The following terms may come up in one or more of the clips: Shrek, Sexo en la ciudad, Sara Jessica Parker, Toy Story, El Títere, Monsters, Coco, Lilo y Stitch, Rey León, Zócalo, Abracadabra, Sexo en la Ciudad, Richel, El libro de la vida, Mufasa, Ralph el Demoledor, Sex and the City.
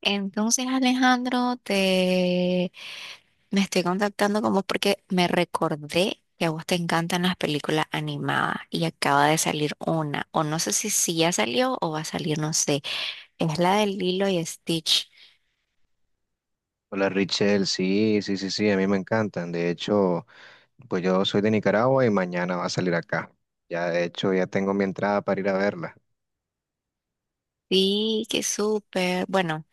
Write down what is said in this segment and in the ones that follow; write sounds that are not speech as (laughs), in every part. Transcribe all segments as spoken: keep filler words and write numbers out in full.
Entonces, Alejandro, te me estoy contactando con vos porque me recordé que a vos te encantan las películas animadas y acaba de salir una, o no sé si, si ya salió o va a salir, no sé. Es la de Lilo y Stitch. Hola Richel, sí, sí, sí, sí, a mí me encantan. De hecho, pues yo soy de Nicaragua y mañana va a salir acá. Ya, de hecho, ya tengo mi entrada para ir a verla. Sí, qué súper. Bueno,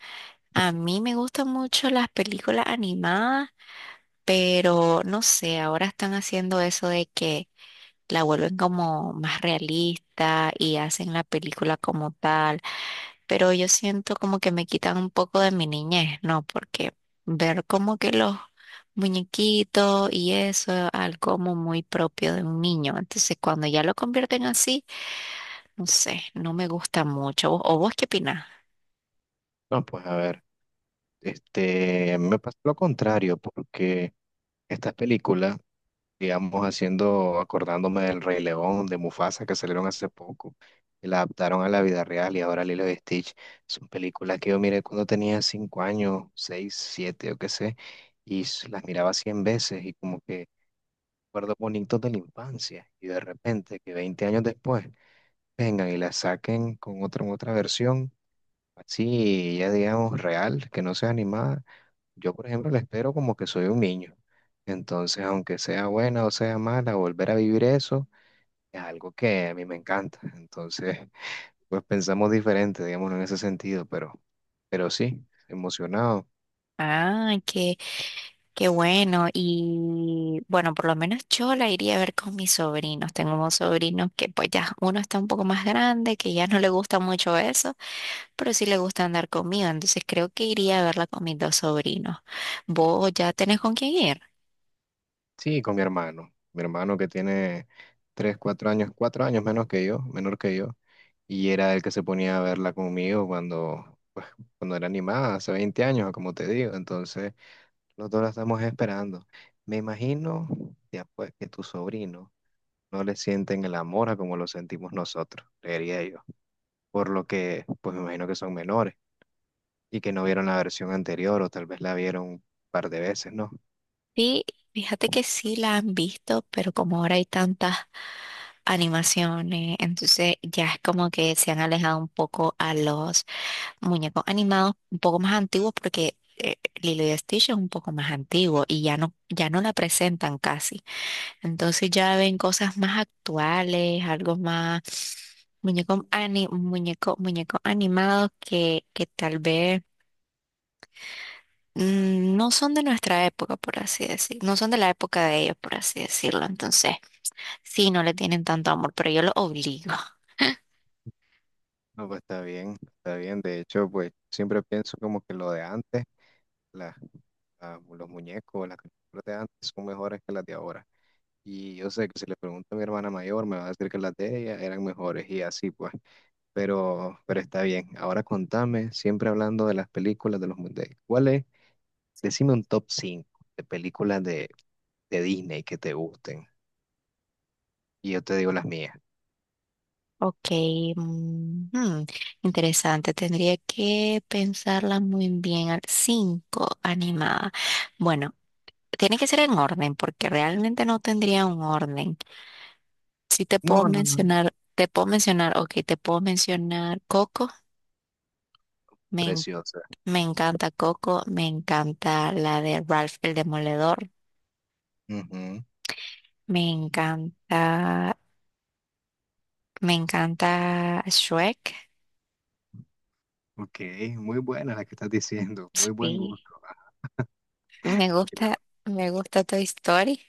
a mí me gustan mucho las películas animadas, pero no sé, ahora están haciendo eso de que la vuelven como más realista y hacen la película como tal, pero yo siento como que me quitan un poco de mi niñez, ¿no? Porque ver como que los muñequitos y eso, algo como muy propio de un niño. Entonces, cuando ya lo convierten así, no sé, no me gusta mucho. ¿Vos- ¿O vos qué opinás? No, pues a ver, este, a mí me pasa lo contrario, porque estas películas, digamos, haciendo, acordándome del Rey León, de Mufasa, que salieron hace poco, y la adaptaron a la vida real y ahora Lilo y Stitch, son películas que yo miré cuando tenía cinco años, seis, siete, yo qué sé, y s- las miraba cien veces y como que recuerdos bonitos de la infancia y de repente que veinte años después vengan y la saquen con otra, otra versión, así ya digamos real, que no sea animada, yo por ejemplo la espero como que soy un niño. Entonces, aunque sea buena o sea mala, volver a vivir eso es algo que a mí me encanta. Entonces, pues pensamos diferente, digamos, en ese sentido, pero, pero sí, emocionado. Ah, qué, qué bueno. Y bueno, por lo menos yo la iría a ver con mis sobrinos. Tengo unos sobrinos que pues ya uno está un poco más grande, que ya no le gusta mucho eso, pero sí le gusta andar conmigo, entonces creo que iría a verla con mis dos sobrinos. ¿Vos ya tenés con quién ir? Sí, con mi hermano, mi hermano que tiene tres, cuatro años, cuatro años menos que yo, menor que yo. Y era el que se ponía a verla conmigo cuando, pues, cuando era animada, hace veinte años, como te digo. Entonces, nosotros la estamos esperando. Me imagino, ya pues, que tu sobrino no le sienten el amor a como lo sentimos nosotros, creería yo. Por lo que, pues me imagino que son menores y que no vieron la versión anterior o tal vez la vieron un par de veces, ¿no? Sí, fíjate que sí la han visto, pero como ahora hay tantas animaciones, entonces ya es como que se han alejado un poco a los muñecos animados un poco más antiguos porque eh, Lilo y Stitch es un poco más antiguo y ya no, ya no la presentan casi. Entonces ya ven cosas más actuales, algo más muñecos ani- muñeco, muñecos animados que, que tal vez mm, no son de nuestra época, por así decir, no son de la época de ellos, por así decirlo. Entonces, sí, no le tienen tanto amor, pero yo lo obligo. (laughs) No, pues está bien, está bien. De hecho, pues siempre pienso como que lo de antes, la- la- los muñecos, las caricaturas de antes son mejores que las de ahora. Y yo sé que si le pregunto a mi hermana mayor, me va a decir que las de ella eran mejores y así pues. Pero, pero está bien. Ahora contame, siempre hablando de las películas de los mundiales. ¿Cuál es? Decime un top cinco de películas de, de Disney que te gusten. Y yo te digo las mías. Ok, mm, hmm, interesante. Tendría que pensarla muy bien. al- Cinco animada. Bueno, tiene que ser en orden, porque realmente no tendría un orden. Sí te puedo No, no, no. mencionar, te puedo mencionar, ok, te puedo mencionar Coco. Me, en- Preciosas. me encanta Coco, me encanta la de Ralph el Demoledor, Ujú. me encanta, me encanta Shrek. Ok, muy buena la que estás diciendo. Muy buen Sí, gusto. Ah, me y gusta, la- me gusta Toy Story.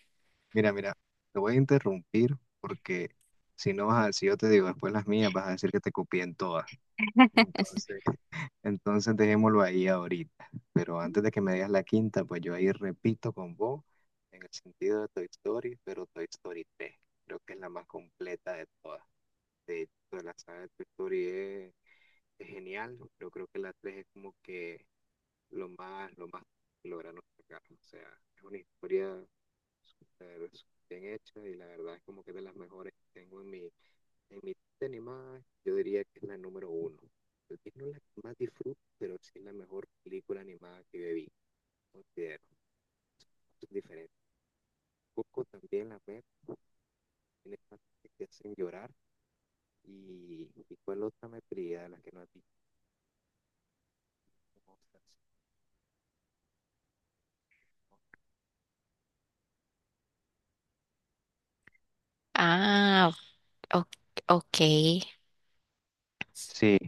mira, mira, te voy a interrumpir porque si no, vas a- si yo te digo después las mías, vas a decir que te copié en todas. (laughs) Entonces. Entonces dejémoslo ahí ahorita. Pero antes de que me digas la quinta, pues yo ahí repito con vos en el sentido de Toy Story, pero Toy Story tres, creo que es la más completa de todas. De toda la saga de Toy Story es, es genial, pero creo que la tres es como que lo más, lo más que lograron sacar. O sea, es una historia súper súper bien hecha y la verdad es como que es de las mejores que tengo en mi, en mi de animada, yo diría que es la número uno. Tal vez no es la que más disfruto, pero sí es la mejor película animada que bebí, considero. Es diferente. Coco también la veo, tiene partes que te hacen llorar. ¿Y, y cuál otra me perdí de la que no has visto? Monsters, ¿no? Ah, o- ok. Sí,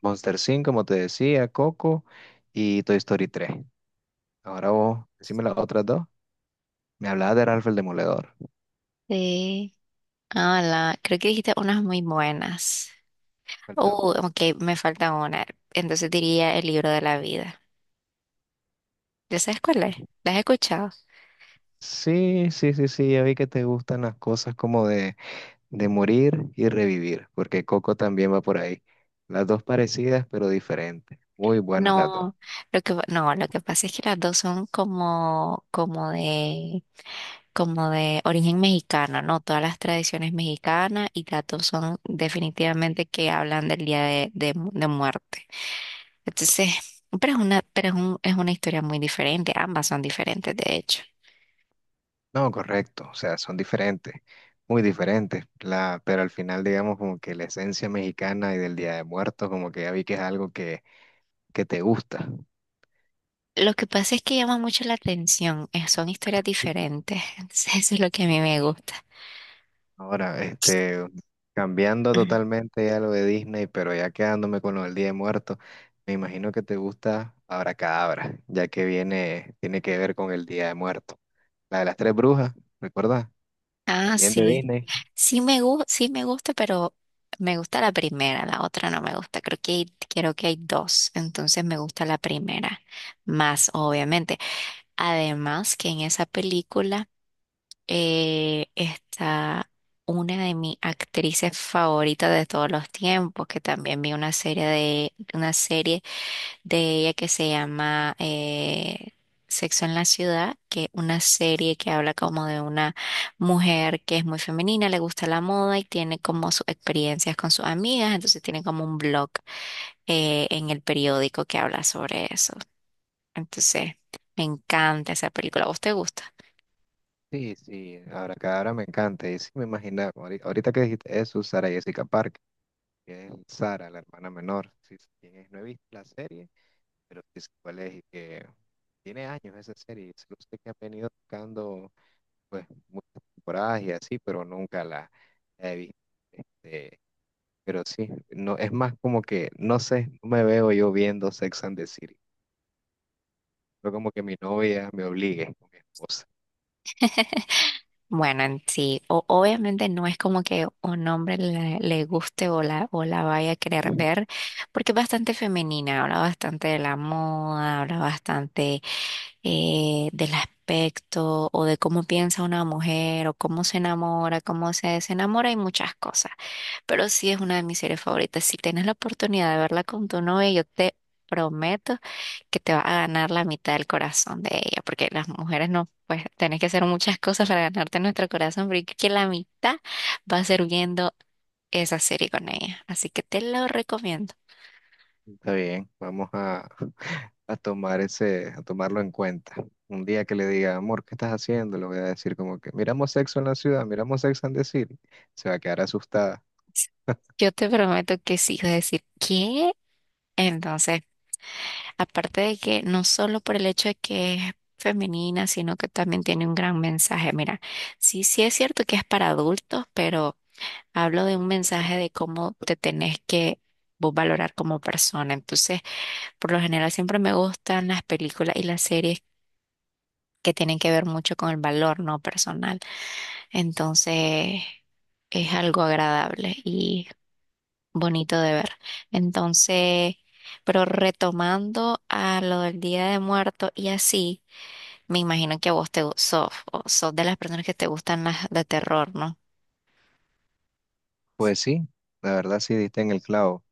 Monster cinco como te decía, Coco y Toy Story tres. Ahora vos, decime las otras dos. Me hablabas de Ralph el Demoledor. Sí. Ah, la, creo que dijiste unas muy buenas. Falta Oh, una. ok, me falta una. Entonces diría El Libro de la Vida. ¿Ya sabes cuál es? ¿La has escuchado? Sí, sí, sí, sí, ya vi que te gustan las cosas como de de morir y revivir, porque Coco también va por ahí. Las dos parecidas, pero diferentes. Muy buenas las dos. No, lo que, no, lo que pasa es que las dos son como, como de, como de origen mexicano, ¿no? Todas las tradiciones mexicanas y las dos son definitivamente que hablan del día de, de mu- de muerte. Entonces, pero es una, pero es un- es una historia muy diferente, ambas son diferentes, de hecho. No, correcto, o sea, son diferentes, muy diferentes, la, pero al final digamos como que la esencia mexicana y del Día de Muertos, como que ya vi que es algo que, que te gusta. Lo que pasa es que llama mucho la atención, eh, son historias diferentes, (laughs) entonces eso es lo que a mí me gusta. Ahora, este, cambiando totalmente ya lo de Disney, pero ya quedándome con lo del Día de Muertos, me imagino que te gusta Abracadabra, ya que viene, tiene que ver con el Día de Muertos. La de las tres brujas, ¿recuerdas? Ah, También de sí. Disney. Sí me gusta, sí me gusta, pero me gusta la primera, la otra no me gusta. Creo que hay, creo que hay dos, entonces me gusta la primera más, obviamente. Además que en esa película eh, está una de mis actrices favoritas de todos los tiempos, que también vi una serie de una serie de ella que se llama eh, Sexo en la Ciudad, que es una serie que habla como de una mujer que es muy femenina, le gusta la moda y tiene como sus experiencias con sus amigas, entonces tiene como un blog eh, en el periódico que habla sobre eso. Entonces, me encanta esa película, ¿a vos te gusta? Sí, sí, Abracadabra me encanta. Y sí me imaginaba, ahori- ahorita que dijiste eso, Sara Jessica Parker, que es Sara, la hermana menor. Sí, sé quién es, no he visto la serie, pero sí sé cuál es y que tiene años esa serie. Solo sé que han venido tocando pues muchas temporadas y así, pero nunca la he visto. Este, pero sí, no, es más como que, no sé, no me veo yo viendo Sex and the City. Pero como que mi novia me obligue con mi esposa. (laughs) Bueno, en sí, o- obviamente no es como que un hombre le, le guste o la, o la vaya a querer ver, porque es bastante femenina, habla bastante de la moda, habla bastante eh, del aspecto o de cómo piensa una mujer o cómo se enamora, cómo se desenamora y muchas cosas. Pero sí es una de mis series favoritas. Si tienes la oportunidad de verla con tu novia, yo te prometo que te va a ganar la mitad del corazón de ella, porque las mujeres no, pues tenés que hacer muchas cosas para ganarte nuestro corazón, pero yo creo que la mitad va a ser viendo esa serie con ella. Así que te lo recomiendo. Está bien, vamos a, a tomar ese, a tomarlo en cuenta. Un día que le diga, amor, ¿qué estás haciendo? Le voy a decir como que, miramos Sexo en la ciudad, miramos Sex and the City. Se va a quedar asustada. Yo te prometo que sí, vas a decir, ¿qué? Entonces. Aparte de que no solo por el hecho de que es femenina, sino que también tiene un gran mensaje. Mira, sí, sí es cierto que es para adultos, pero hablo de un mensaje de cómo te tenés que vos valorar como persona. Entonces, por lo general siempre me gustan las películas y las series que tienen que ver mucho con el valor no personal. Entonces, es algo agradable y bonito de ver. Entonces, pero retomando a lo del Día de Muertos y así. Me imagino que a vos te gu- sos, o sos de las personas que te gustan las de terror, ¿no? Pues sí, la verdad sí diste en el clavo.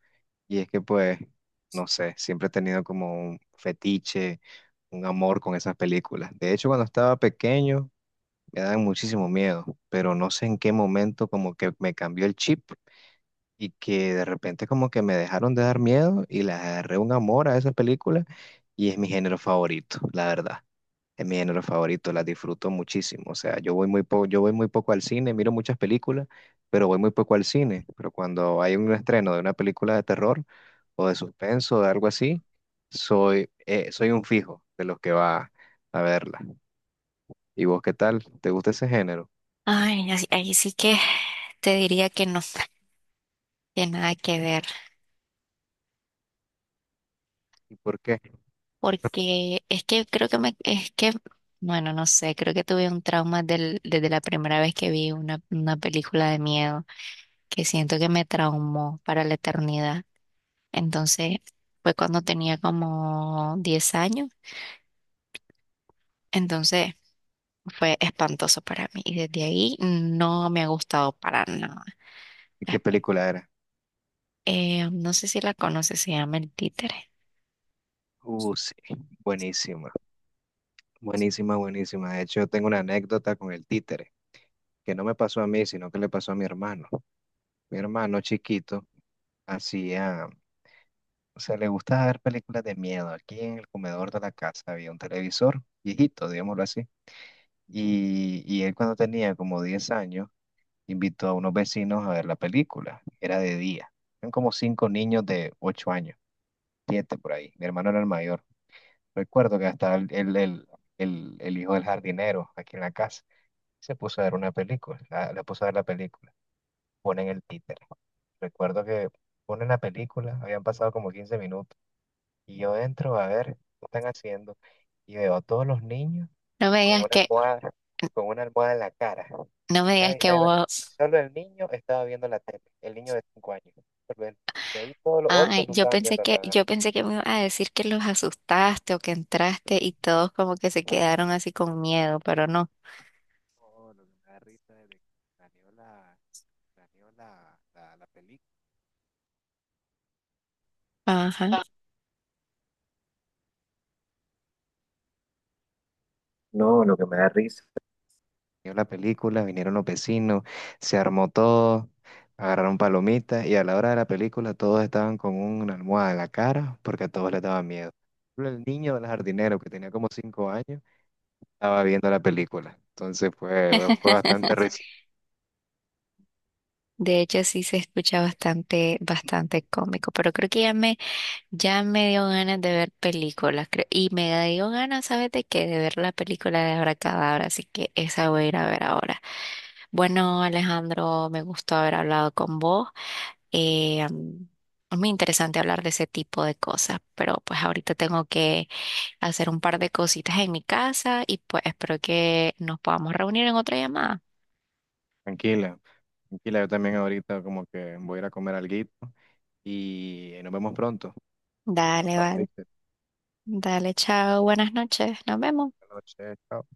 Y es que pues, no sé, siempre he tenido como un fetiche un amor con esas películas. De hecho, cuando estaba pequeño me daban muchísimo miedo, pero no sé en qué momento como que me cambió el chip y que de repente como que me dejaron de dar miedo y le agarré un amor a esa película y es mi género favorito, la verdad. Es mi género favorito, las disfruto muchísimo. O sea, yo voy muy po- yo voy muy poco al cine, miro muchas películas, pero voy muy poco al cine. Pero cuando hay un estreno de una película de terror o de suspenso o de algo así, soy, eh, soy un fijo de los que va a verla. ¿Y vos qué tal? ¿Te gusta ese género? Ay, así- ahí sí que te diría que no, que nada que ver, ¿Y por qué? porque es que creo que me, es que, bueno, no sé, creo que tuve un trauma del, desde la primera vez que vi una, una película de miedo, que siento que me traumó para la eternidad. Entonces, fue cuando tenía como diez años, entonces fue espantoso para mí y desde ahí no me ha gustado para nada. ¿Y qué película era? Eh, no sé si la conoces, se llama El Títere. Uh, sí, buenísima, buenísima, buenísima. De hecho, yo tengo una anécdota con el títere, que no me pasó a mí, sino que le pasó a mi hermano. Mi hermano chiquito hacía o sea, le gustaba ver películas de miedo. Aquí en el comedor de la casa había un televisor viejito, digámoslo así. Y, y él cuando tenía como diez años, invitó a unos vecinos a ver la película. Era de día. Eran como cinco niños de ocho años, siete por ahí. Mi hermano era el mayor. Recuerdo que hasta el, el, el, el- el hijo del jardinero aquí en la casa se puso a ver una película. La, la puso a ver la película. Ponen el títere. Recuerdo que ponen la película. Habían pasado como quince minutos. Y yo entro a ver qué están haciendo y veo a todos los niños No me con digas una que, almohada, con una almohada en la cara. no me digas Nadie que está viendo- vos, Solo el niño estaba viendo la tele, el niño de cinco años. Solo él. De ahí todos los otros ay, no yo estaban pensé viendo que, nada. yo pensé que me iba a decir que los asustaste o que entraste y todos como que se quedaron así con miedo, pero no. No, lo que me da risa es de que planeó la, planeó la, la, la película. Ajá. No, lo que me da risa, vio la película, vinieron los vecinos, se armó todo, agarraron palomitas y a la hora de la película todos estaban con una almohada en la cara porque a todos les daba miedo. Solo el niño del jardinero que tenía como cinco años estaba viendo la película. Entonces fue, fue bastante (laughs) risa. De hecho, sí se escucha bastante, bastante cómico, pero creo que ya me, ya me dio ganas de ver películas, creo, y me dio ganas, ¿sabes de qué? De ver la película de Abracadabra, así que esa voy a ir a ver ahora. Bueno, Alejandro, me gustó haber hablado con vos. Eh, mm, es muy interesante hablar de ese tipo de cosas, pero pues ahorita tengo que hacer un par de cositas en mi casa y pues espero que nos podamos reunir en otra llamada. Tranquila, tranquila, yo también ahorita como que voy a ir a comer alguito y nos vemos pronto. Dale, Chao, vale. Richard. Dale, chao, buenas noches, nos vemos. Buenas noches, chao.